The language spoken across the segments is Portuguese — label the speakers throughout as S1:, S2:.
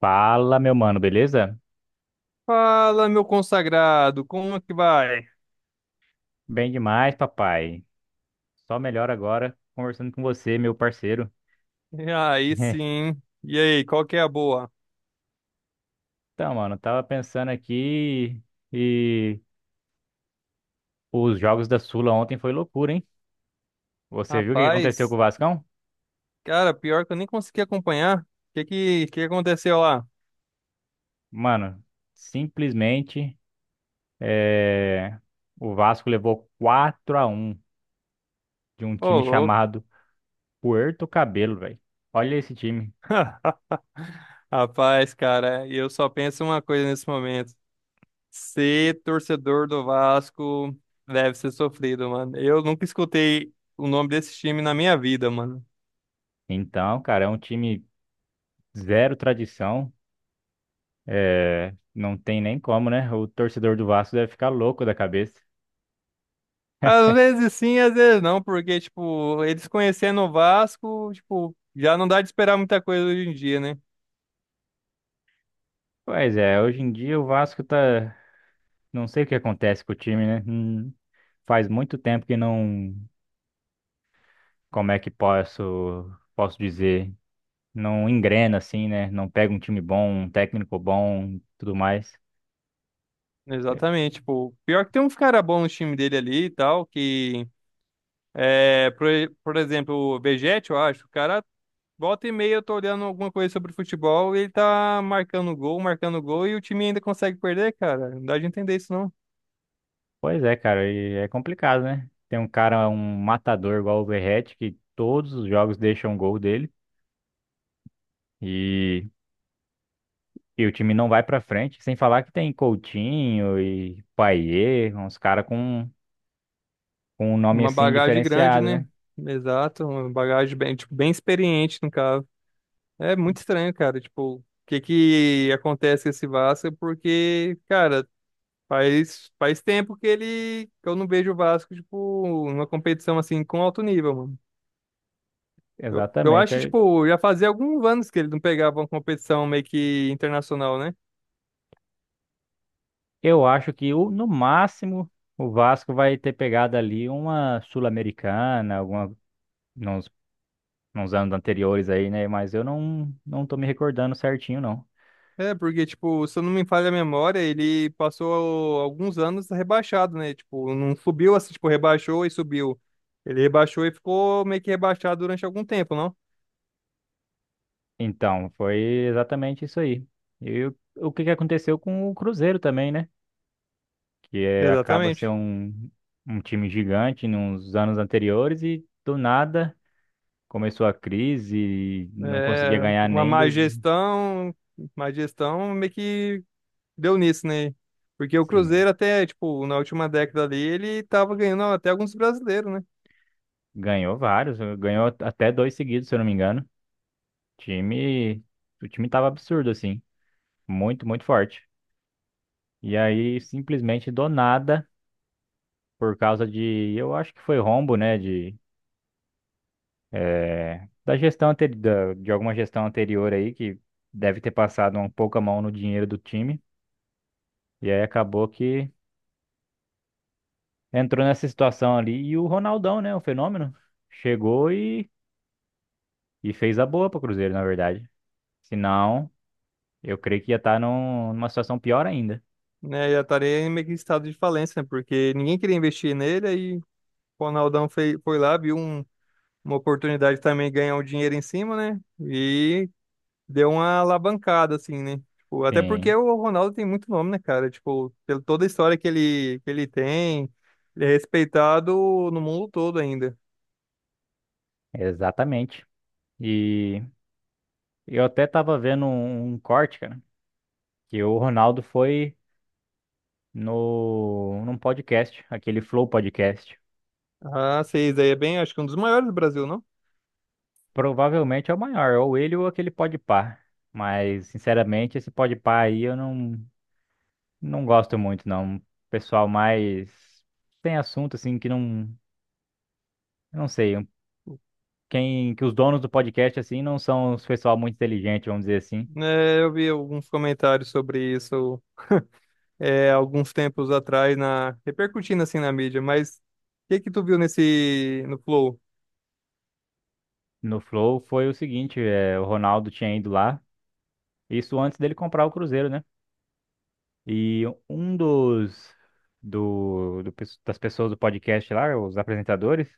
S1: Fala, meu mano, beleza?
S2: Fala, meu consagrado, como é que vai?
S1: Bem demais, papai. Só melhor agora conversando com você, meu parceiro.
S2: E aí sim. E aí, qual que é a boa?
S1: Então, mano, tava pensando aqui e os jogos da Sula ontem foi loucura, hein? Você viu o que aconteceu com
S2: Rapaz,
S1: o Vascão?
S2: cara, pior que eu nem consegui acompanhar. O que aconteceu lá?
S1: Mano, simplesmente é, o Vasco levou 4-1 de um
S2: Ô,
S1: time
S2: louco.
S1: chamado Puerto Cabelo, velho. Olha esse time.
S2: Rapaz, cara, eu só penso uma coisa nesse momento. Ser torcedor do Vasco deve ser sofrido, mano. Eu nunca escutei o nome desse time na minha vida, mano.
S1: Então, cara, é um time zero tradição. É, não tem nem como, né? O torcedor do Vasco deve ficar louco da cabeça.
S2: Às vezes sim, às vezes não, porque, tipo, eles conhecendo o Vasco, tipo, já não dá de esperar muita coisa hoje em dia, né?
S1: Pois é, hoje em dia o Vasco tá. Não sei o que acontece com o time, né? Faz muito tempo que não. Como é que posso, posso dizer? Não engrena assim, né? Não pega um time bom, um técnico bom, tudo mais. É,
S2: Exatamente, tipo, pior que tem uns cara bons no time dele ali e tal, que, é, por, por exemplo, o Vegetti, eu acho, o cara, volta e meia eu tô olhando alguma coisa sobre futebol e ele tá marcando gol e o time ainda consegue perder, cara, não dá de entender isso não.
S1: pois é, cara, e é complicado, né? Tem um cara, um matador igual o Verratti, que todos os jogos deixam um gol dele. E o time não vai pra frente, sem falar que tem Coutinho e Payet, uns caras com um nome
S2: Uma
S1: assim
S2: bagagem grande,
S1: diferenciado,
S2: né?
S1: né?
S2: Exato, uma bagagem bem, tipo, bem experiente no caso. É muito estranho, cara. Tipo, o que que acontece com esse Vasco? Porque, cara, faz tempo que ele que eu não vejo o Vasco, tipo, numa competição assim com alto nível, mano. Eu
S1: Exatamente.
S2: acho que,
S1: Aí
S2: tipo, já fazia alguns anos que ele não pegava uma competição meio que internacional, né?
S1: eu acho que no máximo o Vasco vai ter pegado ali uma Sul-Americana, alguma nos, nos anos anteriores aí, né? Mas eu não tô me recordando certinho, não.
S2: É, porque, tipo, se eu não me falha a memória, ele passou alguns anos rebaixado, né? Tipo, não subiu assim, tipo, rebaixou e subiu. Ele rebaixou e ficou meio que rebaixado durante algum tempo, não?
S1: Então, foi exatamente isso aí. E o que que aconteceu com o Cruzeiro também, né? Que é, acaba ser
S2: Exatamente.
S1: um time gigante nos anos anteriores e do nada começou a crise, e não conseguia
S2: É,
S1: ganhar
S2: uma
S1: nem do,
S2: má gestão meio que deu nisso, né? Porque o
S1: sim,
S2: Cruzeiro até, tipo, na última década ali, ele tava ganhando até alguns brasileiros, né?
S1: ganhou vários, ganhou até dois seguidos, se eu não me engano. Time, o time tava absurdo assim, muito forte. E aí simplesmente do nada, por causa de, eu acho que foi rombo, né, de é, de alguma gestão anterior aí que deve ter passado um pouco a mão no dinheiro do time. E aí acabou que entrou nessa situação ali. E o Ronaldão, né? O fenômeno. Chegou e, e fez a boa pro Cruzeiro, na verdade. Senão, eu creio que ia estar numa situação pior ainda.
S2: Né, já estaria em meio que em estado de falência, né? Porque ninguém queria investir nele, aí o Ronaldão foi lá, uma oportunidade também de ganhar um dinheiro em cima, né? E deu uma alavancada, assim, né? Tipo, até porque
S1: Sim,
S2: o Ronaldo tem muito nome, né, cara? Tipo, pela toda a história que ele tem, ele é respeitado no mundo todo ainda.
S1: exatamente. E eu até tava vendo um corte, cara, que o Ronaldo foi no, num podcast, aquele Flow Podcast.
S2: Ah, sei, daí é bem, acho que um dos maiores do Brasil, não?
S1: Provavelmente é o maior, ou ele ou aquele Podpah. Mas, sinceramente, esse Podpah aí eu não. Não gosto muito, não. Pessoal mais sem assunto, assim, que não. Não sei. Quem, que os donos do podcast, assim, não são os pessoal muito inteligente, vamos dizer assim.
S2: É, eu vi alguns comentários sobre isso é, alguns tempos atrás, na, repercutindo assim na mídia, mas o que que tu viu no Flow?
S1: No Flow foi o seguinte: é, o Ronaldo tinha ido lá, isso antes dele comprar o Cruzeiro, né? E um dos. Das pessoas do podcast lá, os apresentadores,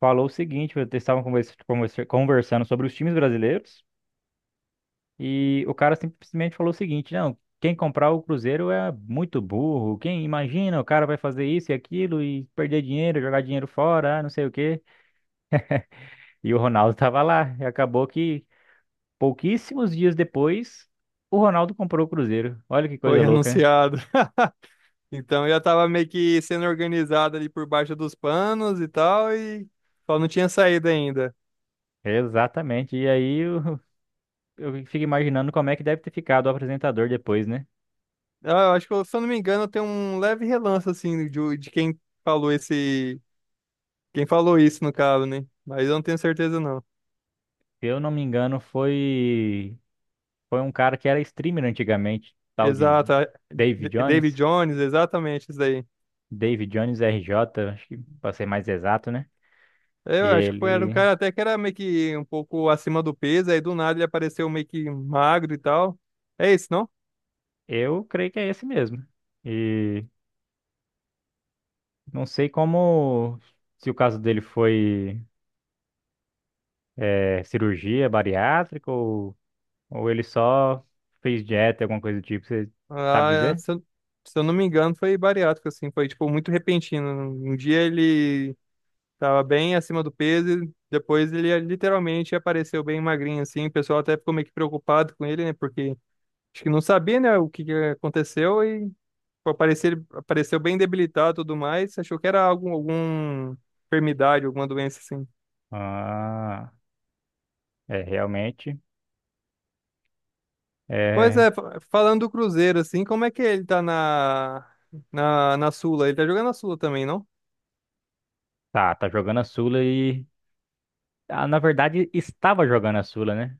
S1: falou o seguinte: eles estavam conversando sobre os times brasileiros. E o cara simplesmente falou o seguinte: não, quem comprar o Cruzeiro é muito burro. Quem imagina, o cara vai fazer isso e aquilo e perder dinheiro, jogar dinheiro fora, ah, não sei o quê. E o Ronaldo tava lá. E acabou que pouquíssimos dias depois, o Ronaldo comprou o Cruzeiro. Olha que coisa
S2: Foi
S1: louca, né?
S2: anunciado. Então eu já tava meio que sendo organizado ali por baixo dos panos e tal, e só não tinha saído ainda.
S1: Exatamente. E aí eu fico imaginando como é que deve ter ficado o apresentador depois, né?
S2: Ah, eu acho que, se eu não me engano, tem um leve relance, assim, de quem falou esse. Quem falou isso, no caso, né? Mas eu não tenho certeza, não.
S1: Se eu não me engano, foi um cara que era streamer antigamente, tal de
S2: Exato.
S1: David
S2: David
S1: Jones.
S2: Jones, exatamente isso daí.
S1: David Jones RJ, acho que para ser mais exato, né?
S2: Eu
S1: E
S2: acho que foi, era um cara até que era meio que um pouco acima do peso, aí do nada ele apareceu meio que magro e tal. É isso, não?
S1: eu creio que é esse mesmo. E não sei como, se o caso dele foi cirurgia bariátrica ou ele só fez dieta, alguma coisa do tipo, você sabe
S2: Ah, é,
S1: dizer?
S2: se eu não me engano, foi bariátrico, assim, foi, tipo, muito repentino. Um dia ele tava bem acima do peso, e depois ele literalmente apareceu bem magrinho, assim, o pessoal até ficou meio que preocupado com ele, né, porque acho que não sabia, né, o que que aconteceu, e pô, apareceu, ele apareceu bem debilitado e tudo mais, achou que era algum, alguma enfermidade, alguma doença, assim.
S1: Ah, é realmente.
S2: Pois
S1: É,
S2: é, falando do Cruzeiro, assim, como é que ele tá na Sula? Ele tá jogando na Sula também, não?
S1: tá, tá jogando a Sula e. Ah, na verdade, estava jogando a Sula, né?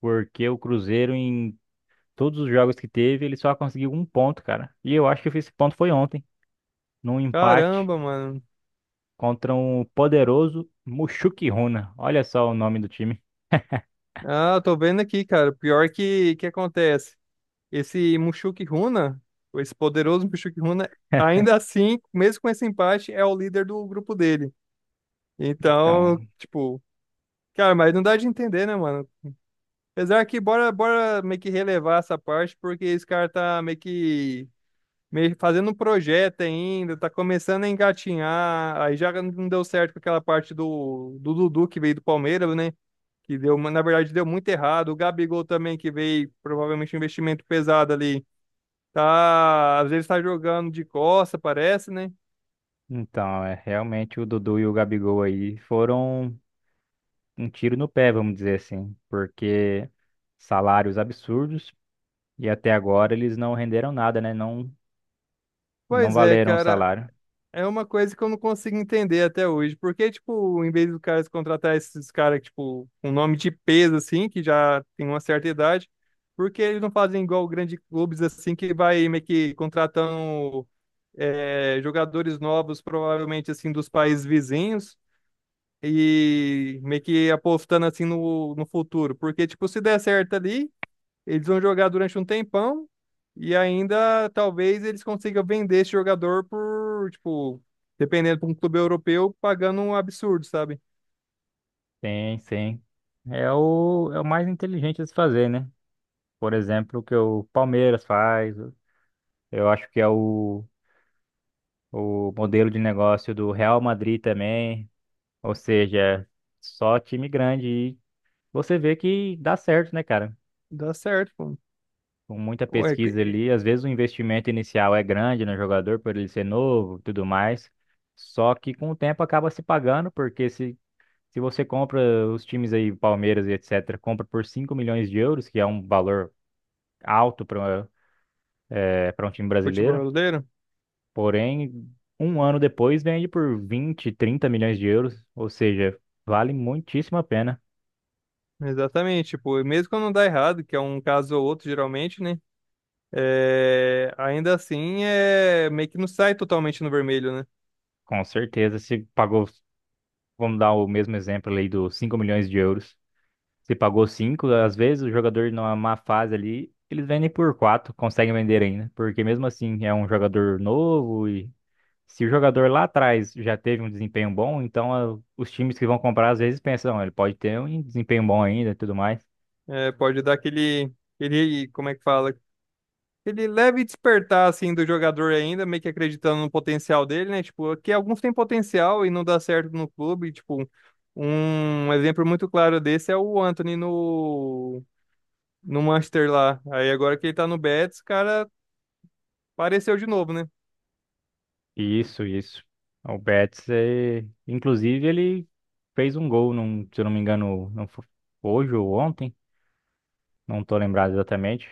S1: Porque o Cruzeiro, em todos os jogos que teve, ele só conseguiu um ponto, cara. E eu acho que esse ponto foi ontem, num empate
S2: Caramba, mano.
S1: contra um poderoso Mushuki Runa. Olha só o nome do time.
S2: Ah, eu tô vendo aqui, cara. Pior que acontece. Esse Mushoku Runa, esse poderoso Mushoku Runa, ainda assim, mesmo com esse empate, é o líder do grupo dele. Então,
S1: Então,
S2: tipo, cara, mas não dá de entender, né, mano? Apesar que bora, bora meio que relevar essa parte, porque esse cara tá meio que meio fazendo um projeto ainda, tá começando a engatinhar. Aí já não deu certo com aquela parte do Dudu que veio do Palmeiras, né? que deu, na verdade, deu muito errado. O Gabigol também, que veio provavelmente um investimento pesado ali, tá, às vezes tá jogando de costa, parece, né?
S1: então, é realmente o Dudu e o Gabigol aí foram um tiro no pé, vamos dizer assim, porque salários absurdos e até agora eles não renderam nada, né? Não, não
S2: Pois é,
S1: valeram o
S2: cara,
S1: salário.
S2: é uma coisa que eu não consigo entender até hoje. Porque, tipo, em vez do cara contratar esses caras, tipo, um nome de peso, assim, que já tem uma certa idade, porque eles não fazem igual grandes clubes, assim, que vai meio que contratando é, jogadores novos, provavelmente, assim, dos países vizinhos e meio que apostando assim no futuro. Porque, tipo, se der certo ali, eles vão jogar durante um tempão e ainda talvez eles consigam vender esse jogador por, tipo, dependendo para um clube europeu, pagando um absurdo, sabe?
S1: Sim, sim. É o mais inteligente de se fazer, né? Por exemplo, o que o Palmeiras faz, eu acho que é o modelo de negócio do Real Madrid também. Ou seja, só time grande. E você vê que dá certo, né, cara?
S2: Dá certo, pô.
S1: Com muita
S2: Ué,
S1: pesquisa ali. Às vezes o investimento inicial é grande no jogador, por ele ser novo e tudo mais. Só que com o tempo acaba se pagando, porque se você compra os times aí, Palmeiras e etc., compra por 5 milhões de euros, que é um valor alto para um time
S2: futebol
S1: brasileiro.
S2: brasileiro?
S1: Porém, um ano depois vende por 20 a 30 milhões de euros, ou seja, vale muitíssimo a pena.
S2: Exatamente, tipo, e mesmo quando não dá errado, que é um caso ou outro geralmente, né? É, ainda assim, é meio que não sai totalmente no vermelho, né?
S1: Com certeza, se pagou, vamos dar o mesmo exemplo ali dos 5 milhões de euros. Se pagou 5 às vezes o jogador numa má fase ali, eles vendem por 4 conseguem vender ainda, porque mesmo assim é um jogador novo e se o jogador lá atrás já teve um desempenho bom, então ah, os times que vão comprar às vezes pensam, "Ah, ele pode ter um desempenho bom ainda e tudo mais."
S2: É, pode dar aquele, aquele, como é que fala? Ele leve despertar, assim, do jogador ainda, meio que acreditando no potencial dele, né? Tipo, que alguns têm potencial e não dá certo no clube. Tipo, um exemplo muito claro desse é o Anthony no Manchester lá. Aí agora que ele tá no Betis, o cara apareceu de novo, né?
S1: Isso, isso. O Betis, é... inclusive, ele fez um gol, num, se eu não me engano, não fo- hoje ou ontem, não tô lembrado exatamente,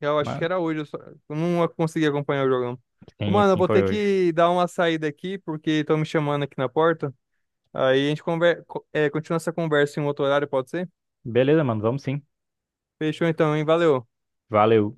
S2: Eu acho que
S1: mas
S2: era hoje, eu, só, eu não consegui acompanhar o jogão. Ô,
S1: sim,
S2: mano, eu
S1: sim,
S2: vou
S1: foi
S2: ter
S1: hoje.
S2: que dar uma saída aqui, porque estão me chamando aqui na porta. Aí a gente conver... é, continua essa conversa em um outro horário, pode ser?
S1: Beleza, mano, vamos sim.
S2: Fechou então, hein? Valeu.
S1: Valeu.